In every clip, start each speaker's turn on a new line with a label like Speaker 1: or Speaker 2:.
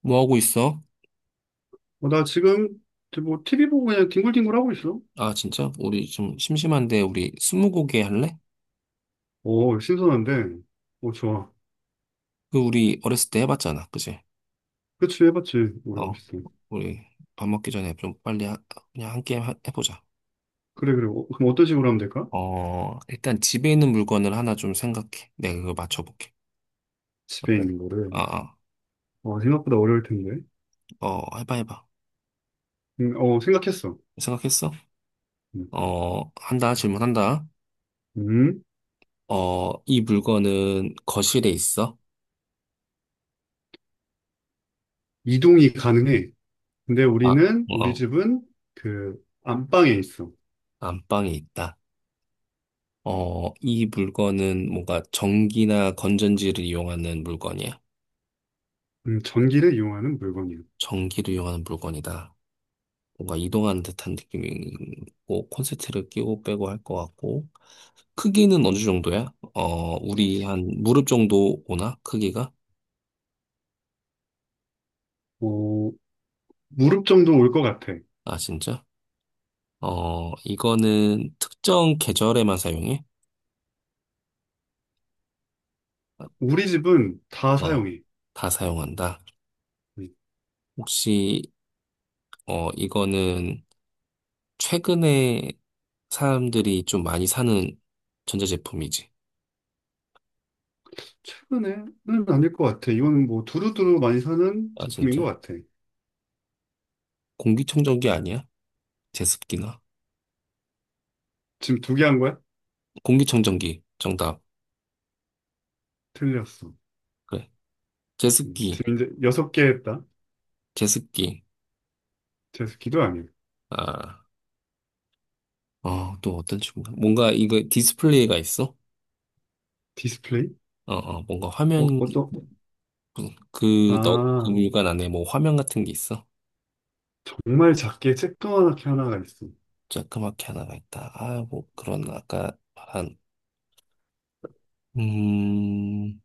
Speaker 1: 뭐 하고 있어?
Speaker 2: 어, 나 지금 뭐 TV 보고 그냥 뒹굴뒹굴 하고 있어.
Speaker 1: 아, 진짜? 우리 좀 심심한데, 우리 스무고개 할래?
Speaker 2: 오, 신선한데. 오, 좋아.
Speaker 1: 그, 우리 어렸을 때 해봤잖아. 그지?
Speaker 2: 그치, 해봤지. 우리
Speaker 1: 어,
Speaker 2: 어렸을 때.
Speaker 1: 우리 밥 먹기 전에 좀 빨리 그냥 한 게임 해보자.
Speaker 2: 그래, 그래. 어, 그럼 어떤 식으로 하면 될까?
Speaker 1: 일단 집에 있는 물건을 하나 좀 생각해. 내가 그거 맞춰볼게.
Speaker 2: 집에
Speaker 1: 어때?
Speaker 2: 있는
Speaker 1: 아,
Speaker 2: 거를.
Speaker 1: 아,
Speaker 2: 어, 생각보다 어려울 텐데.
Speaker 1: 해봐, 해봐.
Speaker 2: 생각했어.
Speaker 1: 생각했어?
Speaker 2: 음,
Speaker 1: 한다, 질문한다.
Speaker 2: 음,
Speaker 1: 이 물건은 거실에 있어?
Speaker 2: 이동이 가능해. 근데
Speaker 1: 아,
Speaker 2: 우리
Speaker 1: 어,
Speaker 2: 집은 그 안방에 있어.
Speaker 1: 안방에 있다. 이 물건은 뭔가 전기나 건전지를 이용하는 물건이야?
Speaker 2: 전기를 이용하는 물건이야.
Speaker 1: 전기를 이용하는 물건이다. 뭔가 이동하는 듯한 느낌이고, 콘센트를 끼고 빼고 할 것 같고, 크기는 어느 정도야? 우리 한 무릎 정도 오나? 크기가?
Speaker 2: 어, 무릎 정도 올 것 같아.
Speaker 1: 아, 진짜? 이거는 특정 계절에만 사용해?
Speaker 2: 우리 집은 다
Speaker 1: 어,
Speaker 2: 사용해.
Speaker 1: 다 사용한다.
Speaker 2: 음.
Speaker 1: 혹시, 이거는 최근에 사람들이 좀 많이 사는 전자제품이지?
Speaker 2: 최근에는 아닐 것 같아. 이건 뭐 두루두루 많이 사는
Speaker 1: 아,
Speaker 2: 제품인 것
Speaker 1: 진짜?
Speaker 2: 같아.
Speaker 1: 공기청정기 아니야? 제습기나?
Speaker 2: 지금 두 개 한 거야?
Speaker 1: 공기청정기. 정답.
Speaker 2: 틀렸어.
Speaker 1: 그래. 제습기.
Speaker 2: 지금 이제 여섯 개 했다.
Speaker 1: 제습기.
Speaker 2: 제습기도 아니야.
Speaker 1: 아, 또 어떤 친구가? 뭔가 이거 디스플레이가 있어?
Speaker 2: 디스플레이?
Speaker 1: 뭔가
Speaker 2: 어,
Speaker 1: 화면,
Speaker 2: 어떤?
Speaker 1: 그, 너, 그
Speaker 2: 아,
Speaker 1: 물관 안에 뭐 화면 같은 게 있어?
Speaker 2: 정말 작게 쬐끄만하게 하나가 있어.
Speaker 1: 자그맣게 하나가 있다. 아, 뭐 그런 아까 말한, 음,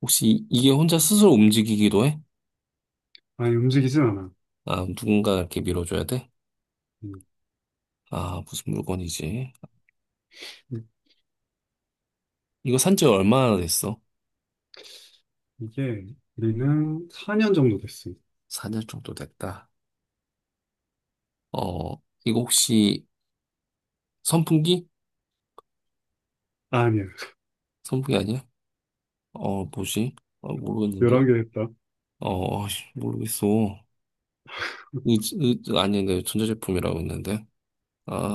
Speaker 1: 혹시 이게 혼자 스스로 움직이기도 해?
Speaker 2: 아니, 움직이진 않아.
Speaker 1: 아, 누군가 이렇게 밀어줘야 돼?
Speaker 2: 음,
Speaker 1: 아, 무슨 물건이지?
Speaker 2: 이-
Speaker 1: 이거 산지 얼마나 됐어?
Speaker 2: 이게 우리는 4년 정도 됐어.
Speaker 1: 4년 정도 됐다. 어, 이거 혹시 선풍기?
Speaker 2: 아, 니야
Speaker 1: 선풍기 아니야? 뭐지? 모르겠는데.
Speaker 2: 11개 했다.
Speaker 1: 아이씨, 모르겠어. 아니데 전자제품이라고 했는데.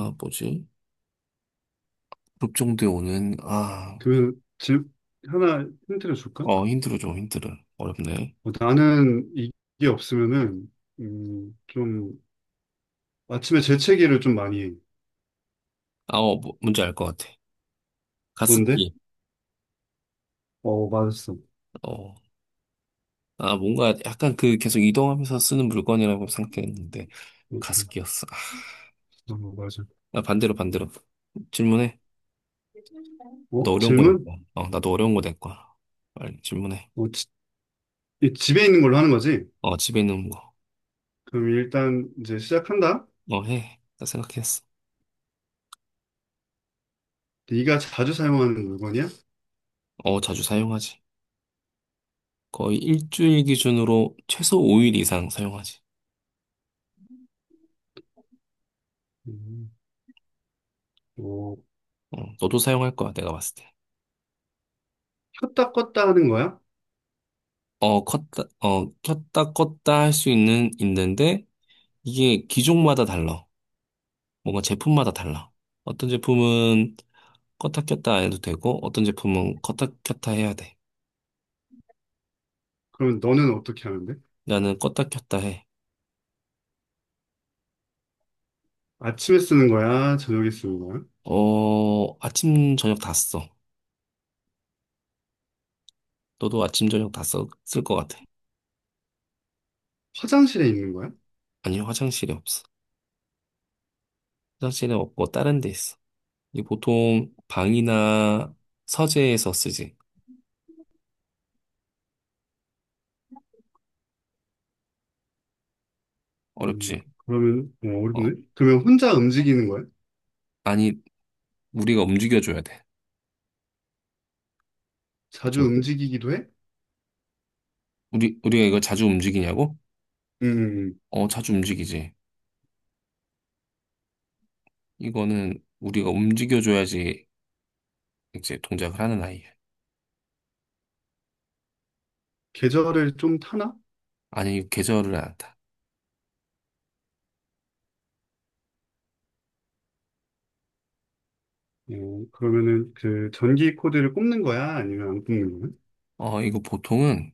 Speaker 2: 음,
Speaker 1: 뭐지? 급종대 오는, 아,
Speaker 2: 그, 질, 하나 힌트를 줄까?
Speaker 1: 힘들어, 좀 힘들어. 어렵네.
Speaker 2: 어, 나는 이게 없으면은, 음, 좀, 아침에 재채기를 좀 많이 해.
Speaker 1: 아, 뭐, 뭔지 알 것 같아.
Speaker 2: 뭔데?
Speaker 1: 가습기.
Speaker 2: 어, 맞았어.
Speaker 1: 어, 뭔가 약간 그 계속 이동하면서 쓰는 물건이라고 생각했는데,
Speaker 2: 어,
Speaker 1: 가습기였어. 아,
Speaker 2: 어, 맞아.
Speaker 1: 나 반대로, 반대로. 질문해. 너
Speaker 2: 어,
Speaker 1: 어려운 거 낼
Speaker 2: 질문?
Speaker 1: 거야. 나도 어려운 거 낼 거야. 빨리 질문해.
Speaker 2: 어, 지- 이 집에 있는 걸로 하는 거지?
Speaker 1: 집에 있는 거.
Speaker 2: 그럼 일단 이제 시작한다.
Speaker 1: 해. 나 생각했어.
Speaker 2: 네가 자주 사용하는 물건이야?
Speaker 1: 자주 사용하지. 거의 일주일 기준으로 최소 5일 이상 사용하지.
Speaker 2: 음, 어,
Speaker 1: 너도 사용할 거야, 내가 봤을 때.
Speaker 2: 켰다 껐다 하는 거야?
Speaker 1: 켰다 껐다 할 수 있는, 있는데, 이게 기종마다 달라. 뭔가 제품마다 달라. 어떤 제품은 껐다 켰다 안 해도 되고, 어떤 제품은 껐다 켰다 해야 돼.
Speaker 2: 그러면 너는 어떻게 하는데?
Speaker 1: 나는 껐다 켰다 해.
Speaker 2: 아침에 쓰는 거야? 저녁에 쓰는 거야?
Speaker 1: 아침, 저녁 다 써. 너도 아침, 저녁 다 써, 쓸 것 같아.
Speaker 2: 화장실에 있는 거야?
Speaker 1: 아니, 화장실이 없어. 화장실은 없고 다른 데 있어. 이 보통 방이나 서재에서 쓰지.
Speaker 2: 음,
Speaker 1: 어렵지.
Speaker 2: 그러면
Speaker 1: 어.
Speaker 2: 어렵네. 그러면 혼자 움직이는 거야?
Speaker 1: 아니, 우리가 움직여줘야 돼.
Speaker 2: 자주
Speaker 1: 저-
Speaker 2: 움직이기도 해?
Speaker 1: 우리, 우리가 이걸 자주 움직이냐고?
Speaker 2: 음, 음.
Speaker 1: 자주 움직이지. 이거는 우리가 움직여줘야지 이제 동작을 하는 아이야.
Speaker 2: 계절을 좀 타나?
Speaker 1: 아니, 이거 계절을 안 한다.
Speaker 2: 어, 그러면은 그 전기 코드를 꼽는 거야? 아니면 안 꼽는 거야?
Speaker 1: 이거 보통은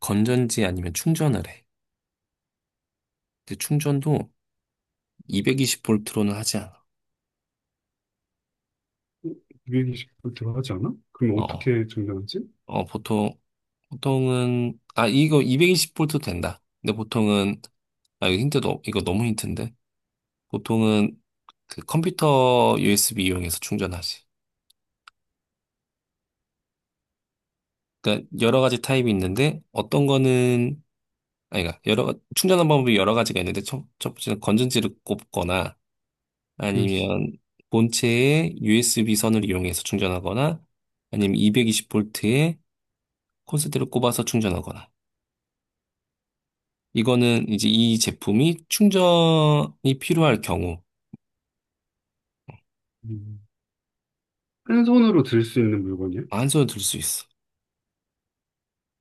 Speaker 1: 건전지 아니면 충전을 해. 근데 충전도 220볼트로는 하지 않아.
Speaker 2: 929 들어가지 않아? 그럼
Speaker 1: 어, 어,
Speaker 2: 어떻게 증명하지?
Speaker 1: 어, 보통, 보통은, 이거 220볼트 된다. 근데 보통은 아, 이거 힌트도, 이거 너무 힌트인데? 보통은 그 컴퓨터 USB 이용해서 충전하지. 그러니까 여러 가지 타입이 있는데, 어떤 거는, 아니, 그러니까 여러, 충전하는 방법이 여러 가지가 있는데, 첫 번째는 건전지를 꼽거나,
Speaker 2: 음,
Speaker 1: 아니면 본체에 USB 선을 이용해서 충전하거나, 아니면 220볼트에 콘센트를 꼽아서 충전하거나. 이거는 이제 이 제품이 충전이 필요할 경우,
Speaker 2: 음. 한 손으로 들 수 있는 물건이야?
Speaker 1: 한 손에 들 수 있어.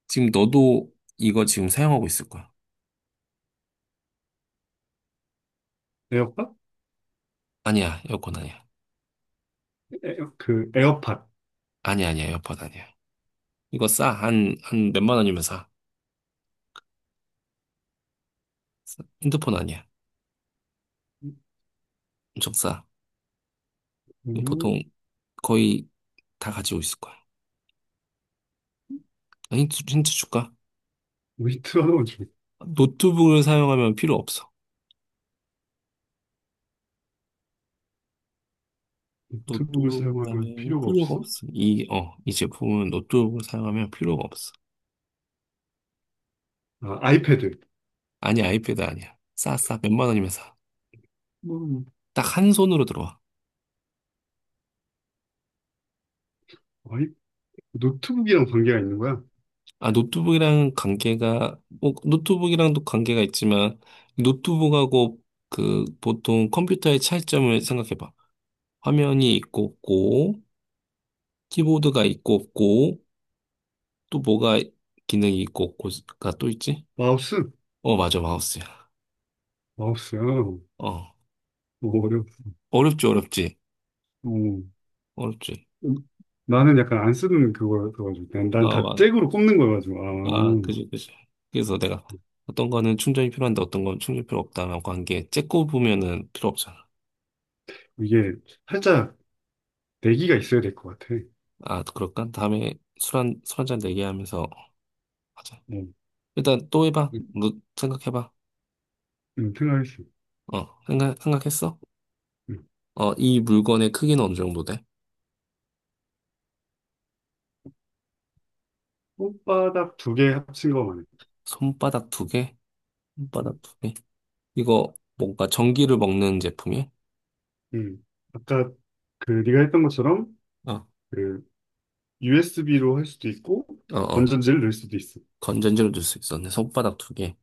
Speaker 1: 지금 너도 이거 지금 사용하고 있을 거야.
Speaker 2: 에어팟?
Speaker 1: 아니야, 에어컨 아니야.
Speaker 2: 그 에어팟.
Speaker 1: 아니야, 아니야, 에어팟 아니야. 이거 싸. 한 몇만 원이면 싸. 싸. 핸드폰 아니야. 엄청 싸.
Speaker 2: 음,
Speaker 1: 보통 거의 다 가지고 있을 거야. 아, 힌트 줄까?
Speaker 2: 위트 하나만 줘.
Speaker 1: 노트북을 사용하면 필요 없어.
Speaker 2: 노트북을
Speaker 1: 노트북을
Speaker 2: 사용하면
Speaker 1: 하면
Speaker 2: 필요가
Speaker 1: 필요가
Speaker 2: 없어?
Speaker 1: 없어. 이 제품은 노트북을 사용하면 필요가 없어.
Speaker 2: 아, 아이패드.
Speaker 1: 아니, 아이패드 아니야. 싸, 싸. 몇만 원이면 싸.
Speaker 2: 뭐,
Speaker 1: 딱 한 손으로 들어와.
Speaker 2: 아이, 노트북이랑 관계가 있는 거야?
Speaker 1: 아, 노트북이랑 관계가, 뭐, 노트북이랑도 관계가 있지만, 노트북하고 그 보통 컴퓨터의 차이점을 생각해봐. 화면이 있고 없고, 키보드가 있고 없고, 또 뭐가 기능이 있고 없고가 또 있지?
Speaker 2: 마우스?
Speaker 1: 맞아, 마우스야.
Speaker 2: 마우스야. 어,
Speaker 1: 어,
Speaker 2: 어려워.
Speaker 1: 어렵지, 어렵지,
Speaker 2: 어.
Speaker 1: 어렵지.
Speaker 2: 음, 나는 약간 안 쓰는 그거여가지고.
Speaker 1: 아,
Speaker 2: 난 다
Speaker 1: 와.
Speaker 2: 잭으로 꼽는 거여가지고. 아,
Speaker 1: 아, 그지, 그지. 그래서 내가 어떤 거는 충전이 필요한데 어떤 건 충전 필요 없다라고 한 게, 째꼬 보면은 필요 없잖아.
Speaker 2: 이게 살짝 내기가 있어야 될 것 같아.
Speaker 1: 아, 그럴까? 다음에 술 한잔 내기 하면서 하자.
Speaker 2: 어.
Speaker 1: 일단 또 해봐. 너 생각해봐.
Speaker 2: 생각했어.
Speaker 1: 생각했어?
Speaker 2: 음.
Speaker 1: 이 물건의 크기는 어느 정도 돼?
Speaker 2: 손바닥 두 개 합친 거 말이야.
Speaker 1: 손바닥 두 개?
Speaker 2: 음,
Speaker 1: 손바닥 두 개? 이거 뭔가 전기를 먹는 제품이야?
Speaker 2: 음. 아까 그 네가 했던 것처럼
Speaker 1: 어,
Speaker 2: 그 USB로 할 수도 있고
Speaker 1: 어, 어.
Speaker 2: 건전지를 넣을 수도 있어.
Speaker 1: 건전지를 넣을 수 있었네. 손바닥 두 개.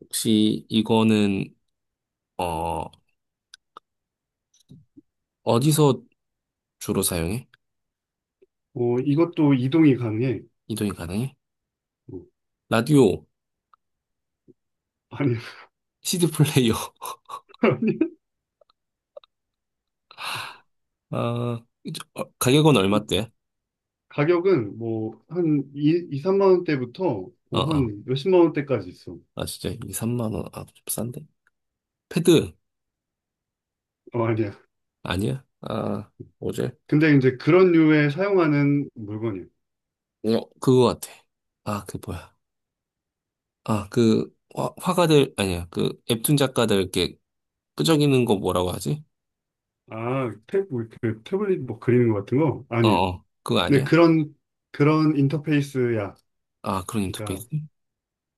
Speaker 1: 혹시 이거는, 어, 어디서 주로 사용해?
Speaker 2: 어, 이것도 이동이 가능해.
Speaker 1: 이동이 가능해?
Speaker 2: 어,
Speaker 1: 라디오,
Speaker 2: 아니,
Speaker 1: CD 플레이어.
Speaker 2: 아니.
Speaker 1: 아, 이제, 가격은
Speaker 2: 이
Speaker 1: 얼마대?
Speaker 2: 가격은 뭐 한 2, 이 3만 원대부터
Speaker 1: 어,
Speaker 2: 뭐
Speaker 1: 어.
Speaker 2: 한 몇십만 원대까지 있어.
Speaker 1: 아, 진짜, 이 3만 원. 아, 좀 싼데? 패드?
Speaker 2: 어, 아니야.
Speaker 1: 아니야? 아, 뭐지?
Speaker 2: 근데 이제 그런 류에 사용하는 물건이야.
Speaker 1: 그거 같아. 아, 그 뭐야. 아, 그 화가들 아니야. 그 웹툰 작가들 이렇게 끄적이는 거 뭐라고 하지?
Speaker 2: 아, 태블릿 뭐 그리는 것 같은 거?
Speaker 1: 어,
Speaker 2: 아니야.
Speaker 1: 어. 그거
Speaker 2: 근데
Speaker 1: 아니야?
Speaker 2: 그런 인터페이스야.
Speaker 1: 아, 그런
Speaker 2: 그러니까
Speaker 1: 인터페이스?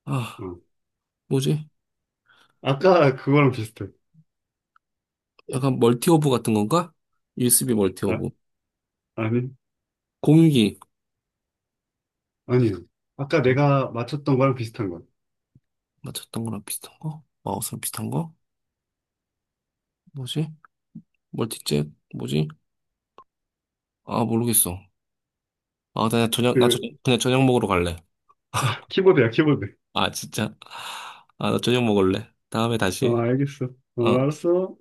Speaker 1: 아,
Speaker 2: 어.
Speaker 1: 뭐지?
Speaker 2: 아까 그거랑 비슷해.
Speaker 1: 약간 멀티허브 같은 건가? USB
Speaker 2: 아,
Speaker 1: 멀티허브.
Speaker 2: 아니,
Speaker 1: 공유기.
Speaker 2: 아니요. 아까
Speaker 1: 음,
Speaker 2: 내가 맞췄던 거랑 비슷한 거야.
Speaker 1: 맞췄던 거랑 비슷한 거? 마우스랑 비슷한 거? 뭐지? 멀티잭? 뭐지? 아, 모르겠어. 아,
Speaker 2: 그,
Speaker 1: 그냥 저녁 먹으러 갈래.
Speaker 2: 키보드야, 키보드.
Speaker 1: 아, 진짜? 아, 나 저녁 먹을래. 다음에 다시
Speaker 2: 어,
Speaker 1: 해.
Speaker 2: 알겠어. 어,
Speaker 1: 어.
Speaker 2: 알았어.